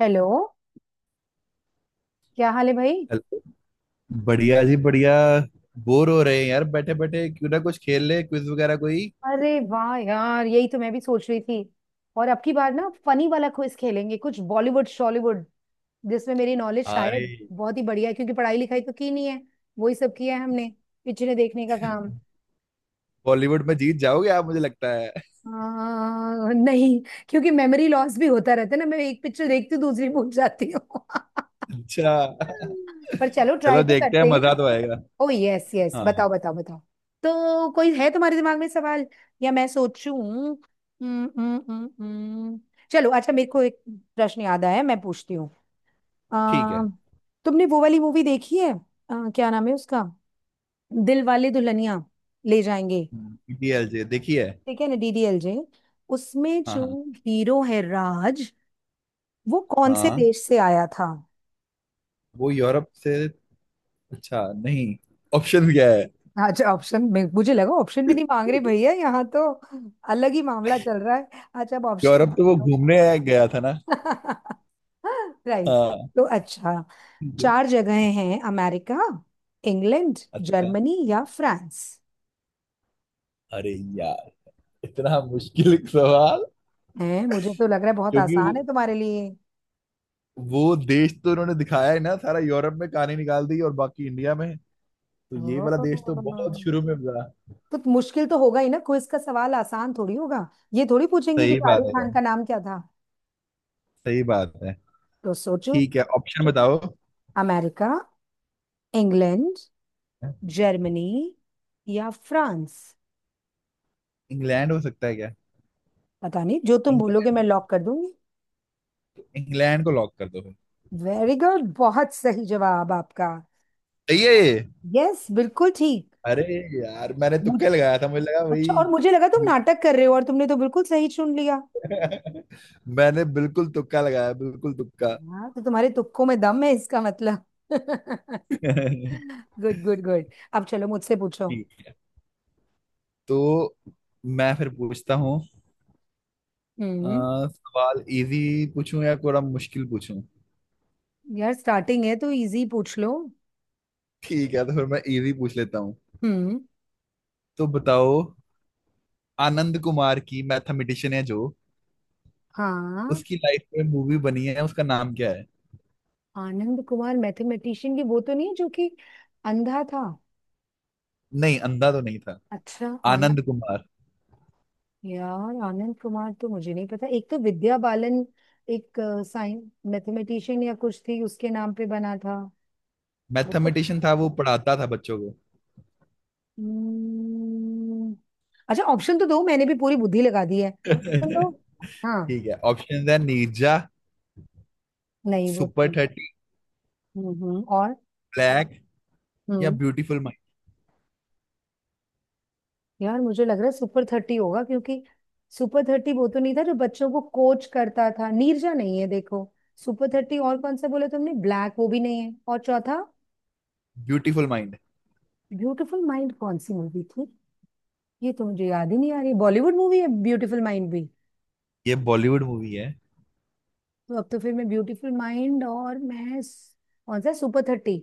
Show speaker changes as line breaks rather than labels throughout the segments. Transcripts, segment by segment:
Hello. क्या हाल है भाई?
हेलो। बढ़िया जी बढ़िया। बोर हो रहे हैं यार बैठे बैठे, क्यों ना कुछ खेल ले, क्विज वगैरह कोई।
अरे वाह यार, यही तो मैं भी सोच रही थी। और अब की बार ना फनी वाला क्विज खेलेंगे, कुछ बॉलीवुड शॉलीवुड। जिसमें मेरी नॉलेज
अरे
शायद बहुत ही बढ़िया है, क्योंकि पढ़ाई लिखाई तो की नहीं है। वही सब किया है हमने, पिक्चरें देखने का काम।
बॉलीवुड में जीत जाओगे आप मुझे लगता है।
नहीं। क्योंकि मेमोरी लॉस भी होता रहता है ना, मैं एक पिक्चर देखती हूँ, दूसरी भूल जाती हूँ।
अच्छा,
पर चलो, ट्राई
चलो
तो
देखते हैं,
करते हैं।
मजा तो आएगा।
ओ यस यस,
हाँ,
बताओ बताओ बताओ। तो कोई है तुम्हारे दिमाग में सवाल, या मैं सोचूं? हम्म हम्म हम्म हम्म। चलो अच्छा, मेरे को एक प्रश्न याद आया, मैं पूछती हूँ।
ठीक है।
अम, तुमने वो वाली मूवी देखी है, क्या नाम है उसका? दिल वाले दुल्हनिया ले जाएंगे।
डीएलजे देखिए।
ठीक है ना, डीडीएलजे। उसमें
हाँ
जो
हाँ
हीरो है राज, वो कौन से
हाँ,
देश से आया था?
वो यूरोप से। अच्छा नहीं, ऑप्शन क्या है।
अच्छा ऑप्शन। मैं मुझे लगा ऑप्शन भी नहीं मांग रहे भैया यहाँ तो, अलग ही मामला चल रहा है। अच्छा, अब
यूरोप
ऑप्शन।
तो वो घूमने गया था ना।
राइट।
हाँ।
तो अच्छा, चार जगहें हैं: अमेरिका, इंग्लैंड,
अच्छा,
जर्मनी या फ्रांस।
अरे यार इतना मुश्किल सवाल।
हैं? मुझे तो लग रहा है बहुत
क्योंकि वो
आसान है तुम्हारे लिए।
वो देश तो इन्होंने दिखाया है ना, सारा यूरोप में कहानी निकाल दी और बाकी इंडिया में। तो ये वाला
ओह।
देश तो बहुत शुरू में था।
तो मुश्किल तो होगा ही ना, क्विज का सवाल आसान थोड़ी होगा। ये थोड़ी पूछेंगे कि
सही बात
शाहरुख
है यार,
खान का नाम क्या था।
सही बात है।
तो सोचो।
ठीक है, ऑप्शन बताओ।
अमेरिका, इंग्लैंड, जर्मनी या फ्रांस।
इंग्लैंड हो सकता है क्या।
पता नहीं, जो तुम बोलोगे
इंग्लैंड,
मैं लॉक कर दूंगी।
इंग्लैंड को लॉक कर दो फिर।
वेरी गुड, बहुत सही जवाब आपका।
सही है ये।
यस, बिल्कुल ठीक।
अरे यार मैंने
मुझ
तुक्का लगाया था, मुझे लगा
अच्छा,
वही।
और मुझे लगा तुम नाटक कर रहे हो, और तुमने तो बिल्कुल सही चुन लिया।
मैंने बिल्कुल तुक्का लगाया, बिल्कुल तुक्का।
हाँ, तो तुम्हारे तुक्कों में दम है इसका मतलब।
ठीक।
Good good good. अब चलो, मुझसे पूछो।
तो मैं फिर पूछता हूँ। अ,
हम्म।
सवाल इजी पूछूं या थोड़ा मुश्किल पूछूं।
यार, स्टार्टिंग है तो इजी पूछ लो।
ठीक है, तो फिर मैं इजी पूछ लेता हूँ।
हम्म।
तो बताओ, आनंद कुमार की, मैथमेटिशियन है जो,
हाँ।
उसकी लाइफ में मूवी बनी है, उसका नाम क्या है।
आनंद कुमार मैथमेटिशियन की वो तो नहीं है जो कि अंधा था?
नहीं, अंधा तो नहीं था।
अच्छा। आन
आनंद कुमार
यार, आनंद कुमार तो मुझे नहीं पता। एक तो विद्या बालन, एक साइंस मैथमेटिशियन या कुछ थी उसके नाम पे बना था।
मैथमेटिशियन था, वो पढ़ाता था बच्चों को।
हम्म, अच्छा, ऑप्शन तो दो, मैंने भी पूरी बुद्धि लगा दी है, ऑप्शन दो। हाँ।
ठीक है, ऑप्शन है नीरजा,
नहीं, वो तो
सुपर
नहीं।
थर्टी,
हम्म, हम्म। और?
ब्लैक या
हम्म।
Beautiful mind.
यार, मुझे लग रहा है सुपर थर्टी होगा, क्योंकि सुपर थर्टी वो तो नहीं था जो बच्चों को कोच करता था? नीरजा नहीं है देखो। सुपर थर्टी, और कौन सा बोले तुमने? ब्लैक, वो भी नहीं है। और चौथा?
ब्यूटीफुल माइंड
ब्यूटीफुल माइंड कौन सी मूवी थी? ये तो मुझे याद ही नहीं आ रही, बॉलीवुड मूवी है ब्यूटीफुल माइंड भी?
ये बॉलीवुड मूवी है।
तो अब तो फिर मैं ब्यूटीफुल माइंड और मैं कौन सा, सुपर थर्टी?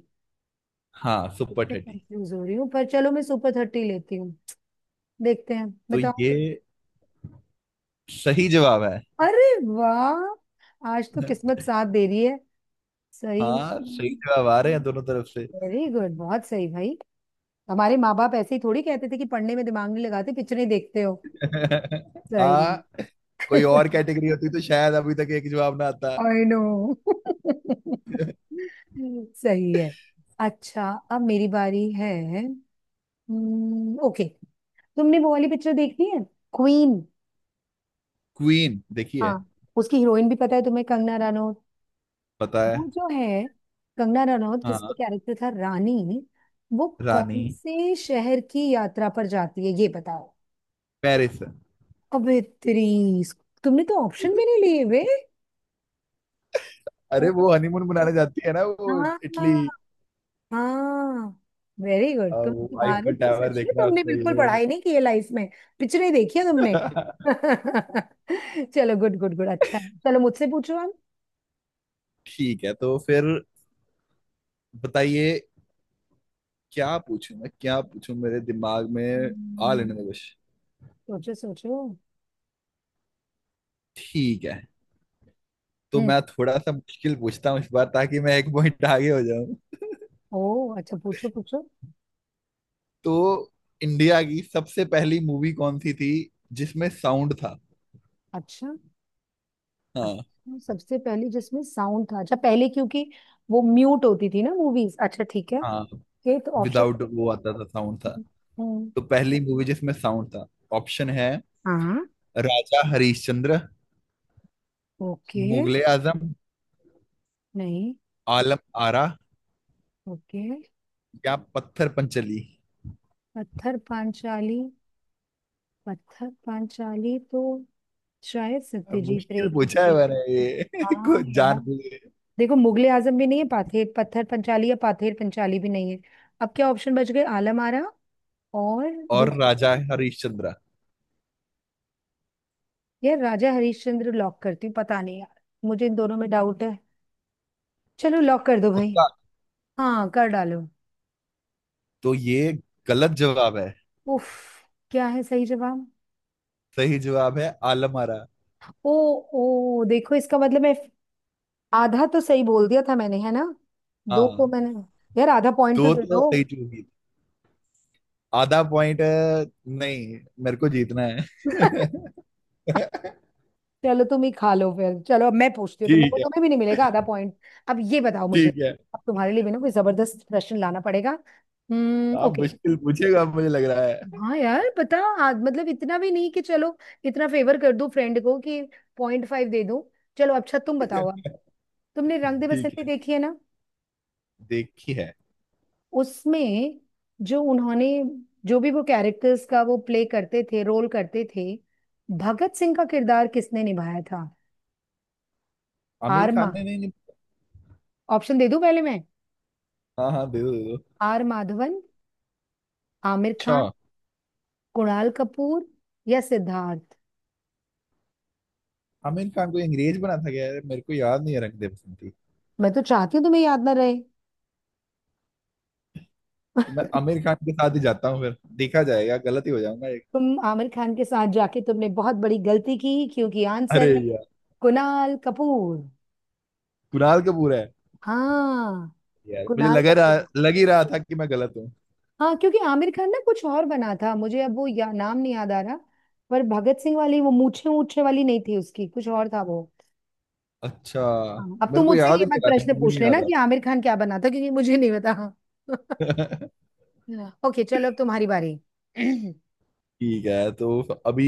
हाँ सुपर
इससे
थर्टी।
कंफ्यूज हो रही हूँ, पर चलो मैं सुपर थर्टी लेती हूँ। देखते हैं,
तो
बताओ।
ये सही जवाब है।
अरे वाह, आज तो किस्मत साथ दे रही है। सही
हाँ, सही
में।
जवाब आ रहे हैं दोनों तरफ से।
वेरी गुड, बहुत सही भाई। हमारे माँ बाप ऐसे ही थोड़ी कहते थे कि पढ़ने में दिमाग नहीं लगाते, पिक्चरें देखते हो। सही।
हाँ। कोई और कैटेगरी होती तो शायद अभी तक एक जवाब ना आता।
I know. सही है। अच्छा, अब मेरी बारी है। ओके। तुमने वो वाली पिक्चर देखी है, क्वीन?
क्वीन
हाँ।
देखिए।
उसकी हीरोइन भी पता है तुम्हें, कंगना।
पता है।
वो जो है कंगना रनौत, जिसका
हाँ।
कैरेक्टर था रानी, वो
रानी
कौन से शहर की यात्रा पर जाती है, ये बताओ।
पेरिस।
अबे तेरी! तुमने तो ऑप्शन भी नहीं लिए वे!
अरे वो
ओ,
हनीमून मनाने जाती है ना, वो
हाँ।
इटली।
हाँ। Very good!
वो
तुम्हारे
आईफिल
तो
टावर
सच में
देखना है
तुमने
उसको, ये
बिल्कुल
वो।
पढ़ाई नहीं की है लाइफ में, पिक्चरें देखी है तुमने। चलो, गुड गुड गुड, अच्छा है, चलो मुझसे पूछो आप।
ठीक है, तो फिर बताइए। क्या पूछूं मैं, क्या पूछूं, मेरे दिमाग में आ
हम्म,
लेने दो कुछ।
सोचो सोचो।
ठीक है, तो
हम्म।
मैं थोड़ा सा मुश्किल पूछता हूँ इस बार, ताकि मैं एक पॉइंट आगे हो।
ओ अच्छा, पूछो पूछो।
तो इंडिया की सबसे पहली मूवी कौन सी थी जिसमें साउंड था।
अच्छा,
हाँ
अच्छा, सबसे पहली जिसमें साउंड था? अच्छा, पहले क्योंकि वो म्यूट होती थी ना मूवीज। अच्छा, ठीक है।
हाँ,
ओके, तो ऑप्शन?
विदाउट वो आता था, साउंड था। तो पहली मूवी जिसमें साउंड था, ऑप्शन है
हाँ।
राजा हरिश्चंद्र,
ओके।
मुगले आजम,
नहीं।
आलम आरा,
ओके।
या पत्थर पंचली।
पत्थर पांचाली? पत्थर पांचाली तो शायद
अब
सत्यजीत रे
मुश्किल
की
पूछा है
थी।
मैंने ये
हाँ
कुछ
यार।
जान बूझ के।
देखो, मुगले आजम भी नहीं है, पाथेर पत्थर पंचाली या पाथेर पंचाली भी नहीं है। अब क्या ऑप्शन बच गए? आलम आरा और
और
दूसरा।
राजा हरिश्चंद्र।
यार, राजा हरिश्चंद्र लॉक करती हूँ, पता नहीं यार, मुझे इन दोनों में डाउट है। चलो, लॉक कर दो भाई।
पक्का।
हाँ, कर डालो।
तो ये गलत जवाब है।
उफ! क्या है सही जवाब?
सही जवाब है आलम आरा।
ओ, ओ, देखो इसका मतलब है, आधा तो सही बोल दिया था मैंने, है ना? दो को
हाँ
मैंने। यार, आधा पॉइंट तो
दो
दे
तो
दो।
सही चूंगी। आधा पॉइंट नहीं, मेरे को जीतना है।
चलो, तुम ही खा लो फिर। चलो अब मैं पूछती हूँ तुम्हें, वो
ठीक है।
तुम्हें भी नहीं मिलेगा आधा पॉइंट। अब ये बताओ मुझे।
ठीक है,
अब तुम्हारे लिए भी ना कोई जबरदस्त प्रश्न लाना पड़ेगा। हम्म।
आप
ओके।
मुश्किल पूछेगा मुझे लग रहा है।
हाँ यार, पता। मतलब इतना भी नहीं कि चलो इतना फेवर कर दूं फ्रेंड को कि 0.5 दे दूं। चलो अच्छा, तुम बताओ अब। तुमने रंग दे
ठीक
बसंती
है,
देखी है ना?
देखी है।
उसमें जो उन्होंने, जो भी वो कैरेक्टर्स का वो प्ले करते थे, रोल करते थे, भगत सिंह का किरदार किसने निभाया था?
आमिर
आर
खान
मा
ने। नहीं, नहीं।
ऑप्शन दे दूं पहले मैं?
हाँ हाँ, दे दो दे दो।
आर माधवन, आमिर
अच्छा।
खान, कुणाल कपूर या सिद्धार्थ?
आमिर खान को, अंग्रेज बना था क्या यार, मेरे को याद नहीं है रंग दे बसंती।
मैं तो चाहती हूँ तुम्हें याद ना रहे।
तो मैं आमिर खान के साथ ही जाता हूँ, फिर देखा जाएगा, गलत ही हो जाऊंगा एक।
तुम आमिर खान के साथ जाके तुमने बहुत बड़ी गलती की, क्योंकि
अरे
आंसर है
यार।
कुणाल कपूर।
कुणाल कपूर है।
हाँ।
यार मुझे
कुणाल
लग रहा,
कपूर।
लग ही रहा था कि मैं गलत हूँ।
हाँ, क्योंकि आमिर खान ना कुछ और बना था, मुझे अब वो या, नाम नहीं याद आ रहा। पर भगत सिंह वाली वो मूछे मूछे वाली नहीं थी उसकी, कुछ और था वो।
अच्छा,
हाँ, अब
मेरे
तुम
को
मुझसे
याद
ये
ही
मत
नहीं आ रहा,
प्रश्न
मूवी
पूछ
नहीं याद
लेना
आ
कि आमिर खान क्या बना था, क्योंकि मुझे नहीं पता।
रहा।
ओके, चलो अब तुम्हारी बारी।
ठीक है, तो अभी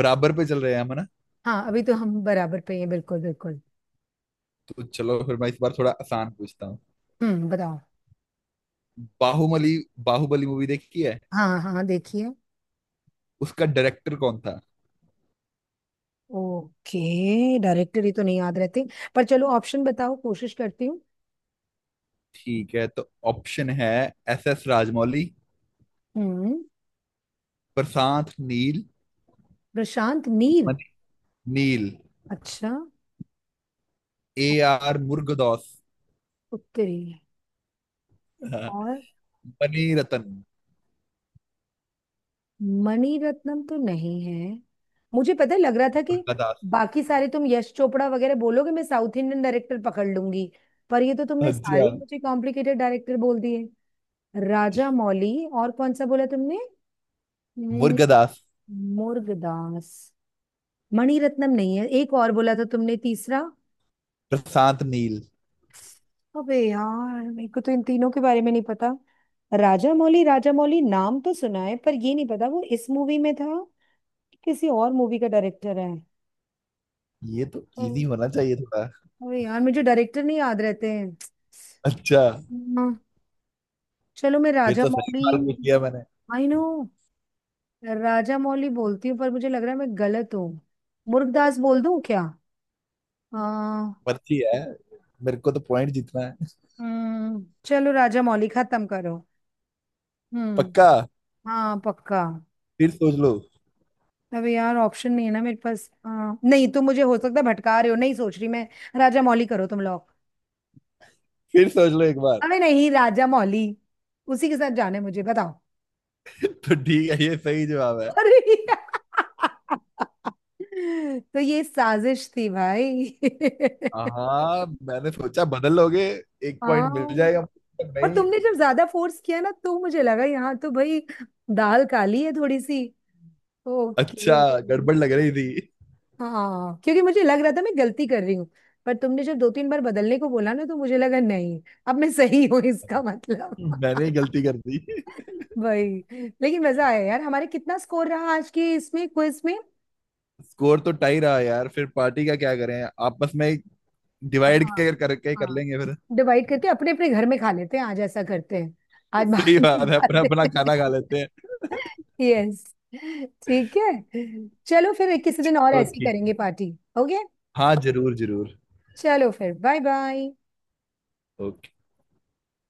बराबर पे चल रहे हैं हम है ना।
हाँ, अभी तो हम बराबर पे हैं, बिल्कुल बिल्कुल।
तो चलो फिर मैं इस बार थोड़ा आसान पूछता हूँ।
हम्म, बताओ।
बाहुबली, बाहुबली मूवी देखी है।
हाँ हाँ हाँ, देखिए।
उसका डायरेक्टर कौन था।
ओके, डायरेक्टर ही तो नहीं याद रहते, पर चलो ऑप्शन बताओ, कोशिश करती हूँ।
ठीक है, तो ऑप्शन है एस एस राजमौली,
हम्म।
प्रशांत नील,
प्रशांत नील,
मनी नील,
अच्छा।
ए आर मुर्गदास,
उत्तरी है।
हाँ,
और?
मणि रतन।
मणिरत्नम तो नहीं है, मुझे पता है, लग रहा था कि
मुर्गदास।
बाकी सारे तुम यश चोपड़ा वगैरह बोलोगे, मैं साउथ इंडियन डायरेक्टर पकड़ लूंगी, पर ये तो तुमने सारे
अच्छा,
ही मुझे कॉम्प्लिकेटेड डायरेक्टर बोल दिए। राजा मौली, और कौन सा बोला तुमने? हम्म,
मुर्गदास,
मुर्गदास। मणिरत्नम नहीं है, एक और बोला था तुमने तीसरा?
प्रशांत नील।
अबे यार, मेरे को तो इन तीनों के बारे में नहीं पता। राजा मौली, राजा मौली नाम तो सुना है, पर ये नहीं पता वो इस मूवी में था कि किसी और मूवी का डायरेक्टर है।
ये तो इजी
हम्म।
होना चाहिए थोड़ा।
अबे यार, मुझे डायरेक्टर नहीं याद रहते हैं।
अच्छा,
हाँ, चलो मैं
फिर
राजा
तो सही
मौली।
सवाल पूछ लिया मैंने।
I know. राजा मौली बोलती हूँ, पर मुझे लग रहा है मैं गलत हूँ। मुर्गदास बोल दूं क्या? हाँ।
पर्ची है, मेरे को तो पॉइंट जीतना है।
चलो, राजा मौली खत्म करो। हम्म,
पक्का।
हाँ पक्का।
फिर सोच लो।
अबे यार, ऑप्शन नहीं है ना मेरे पास, नहीं, तुम मुझे हो सकता है भटका रहे हो, नहीं सोच रही मैं। राजा मौली करो तुम लोग।
फिर सोच लो एक बार।
अरे नहीं, राजा मौली। उसी के साथ जाने मुझे, बताओ।
तो ठीक है, ये सही जवाब है।
अरे! तो ये साजिश थी भाई।
हाँ, मैंने सोचा बदल लोगे, एक पॉइंट मिल
हाँ।
जाएगा, पर
और
नहीं।
तुमने जब ज्यादा फोर्स किया ना, तो मुझे लगा यहाँ तो भाई दाल काली है थोड़ी सी। ओके।
अच्छा, गड़बड़ लग रही थी।
हाँ, क्योंकि मुझे लग रहा था मैं गलती कर रही हूँ, पर तुमने जब दो तीन बार बदलने को बोला ना, तो मुझे लगा नहीं, अब मैं सही हूँ इसका मतलब।
मैंने ही गलती कर दी।
भाई। लेकिन मजा आया यार, हमारे कितना स्कोर रहा आज की इसमें क्विज में?
स्कोर तो टाई रहा यार, फिर पार्टी का क्या करें, आपस में डिवाइड
हाँ।
कर करके ही कर
हाँ।
लेंगे फिर।
डिवाइड करके अपने अपने घर में खा लेते हैं, आज ऐसा करते हैं। आज
सही
बाहर में
बात है, अपना
जाते
अपना
हैं।
खाना खा लेते हैं।
यस। ठीक है। चलो फिर किसी दिन और
तो
ऐसी
ठीक।
करेंगे पार्टी। ओके।
हाँ जरूर जरूर।
चलो फिर, बाय बाय।
ओके।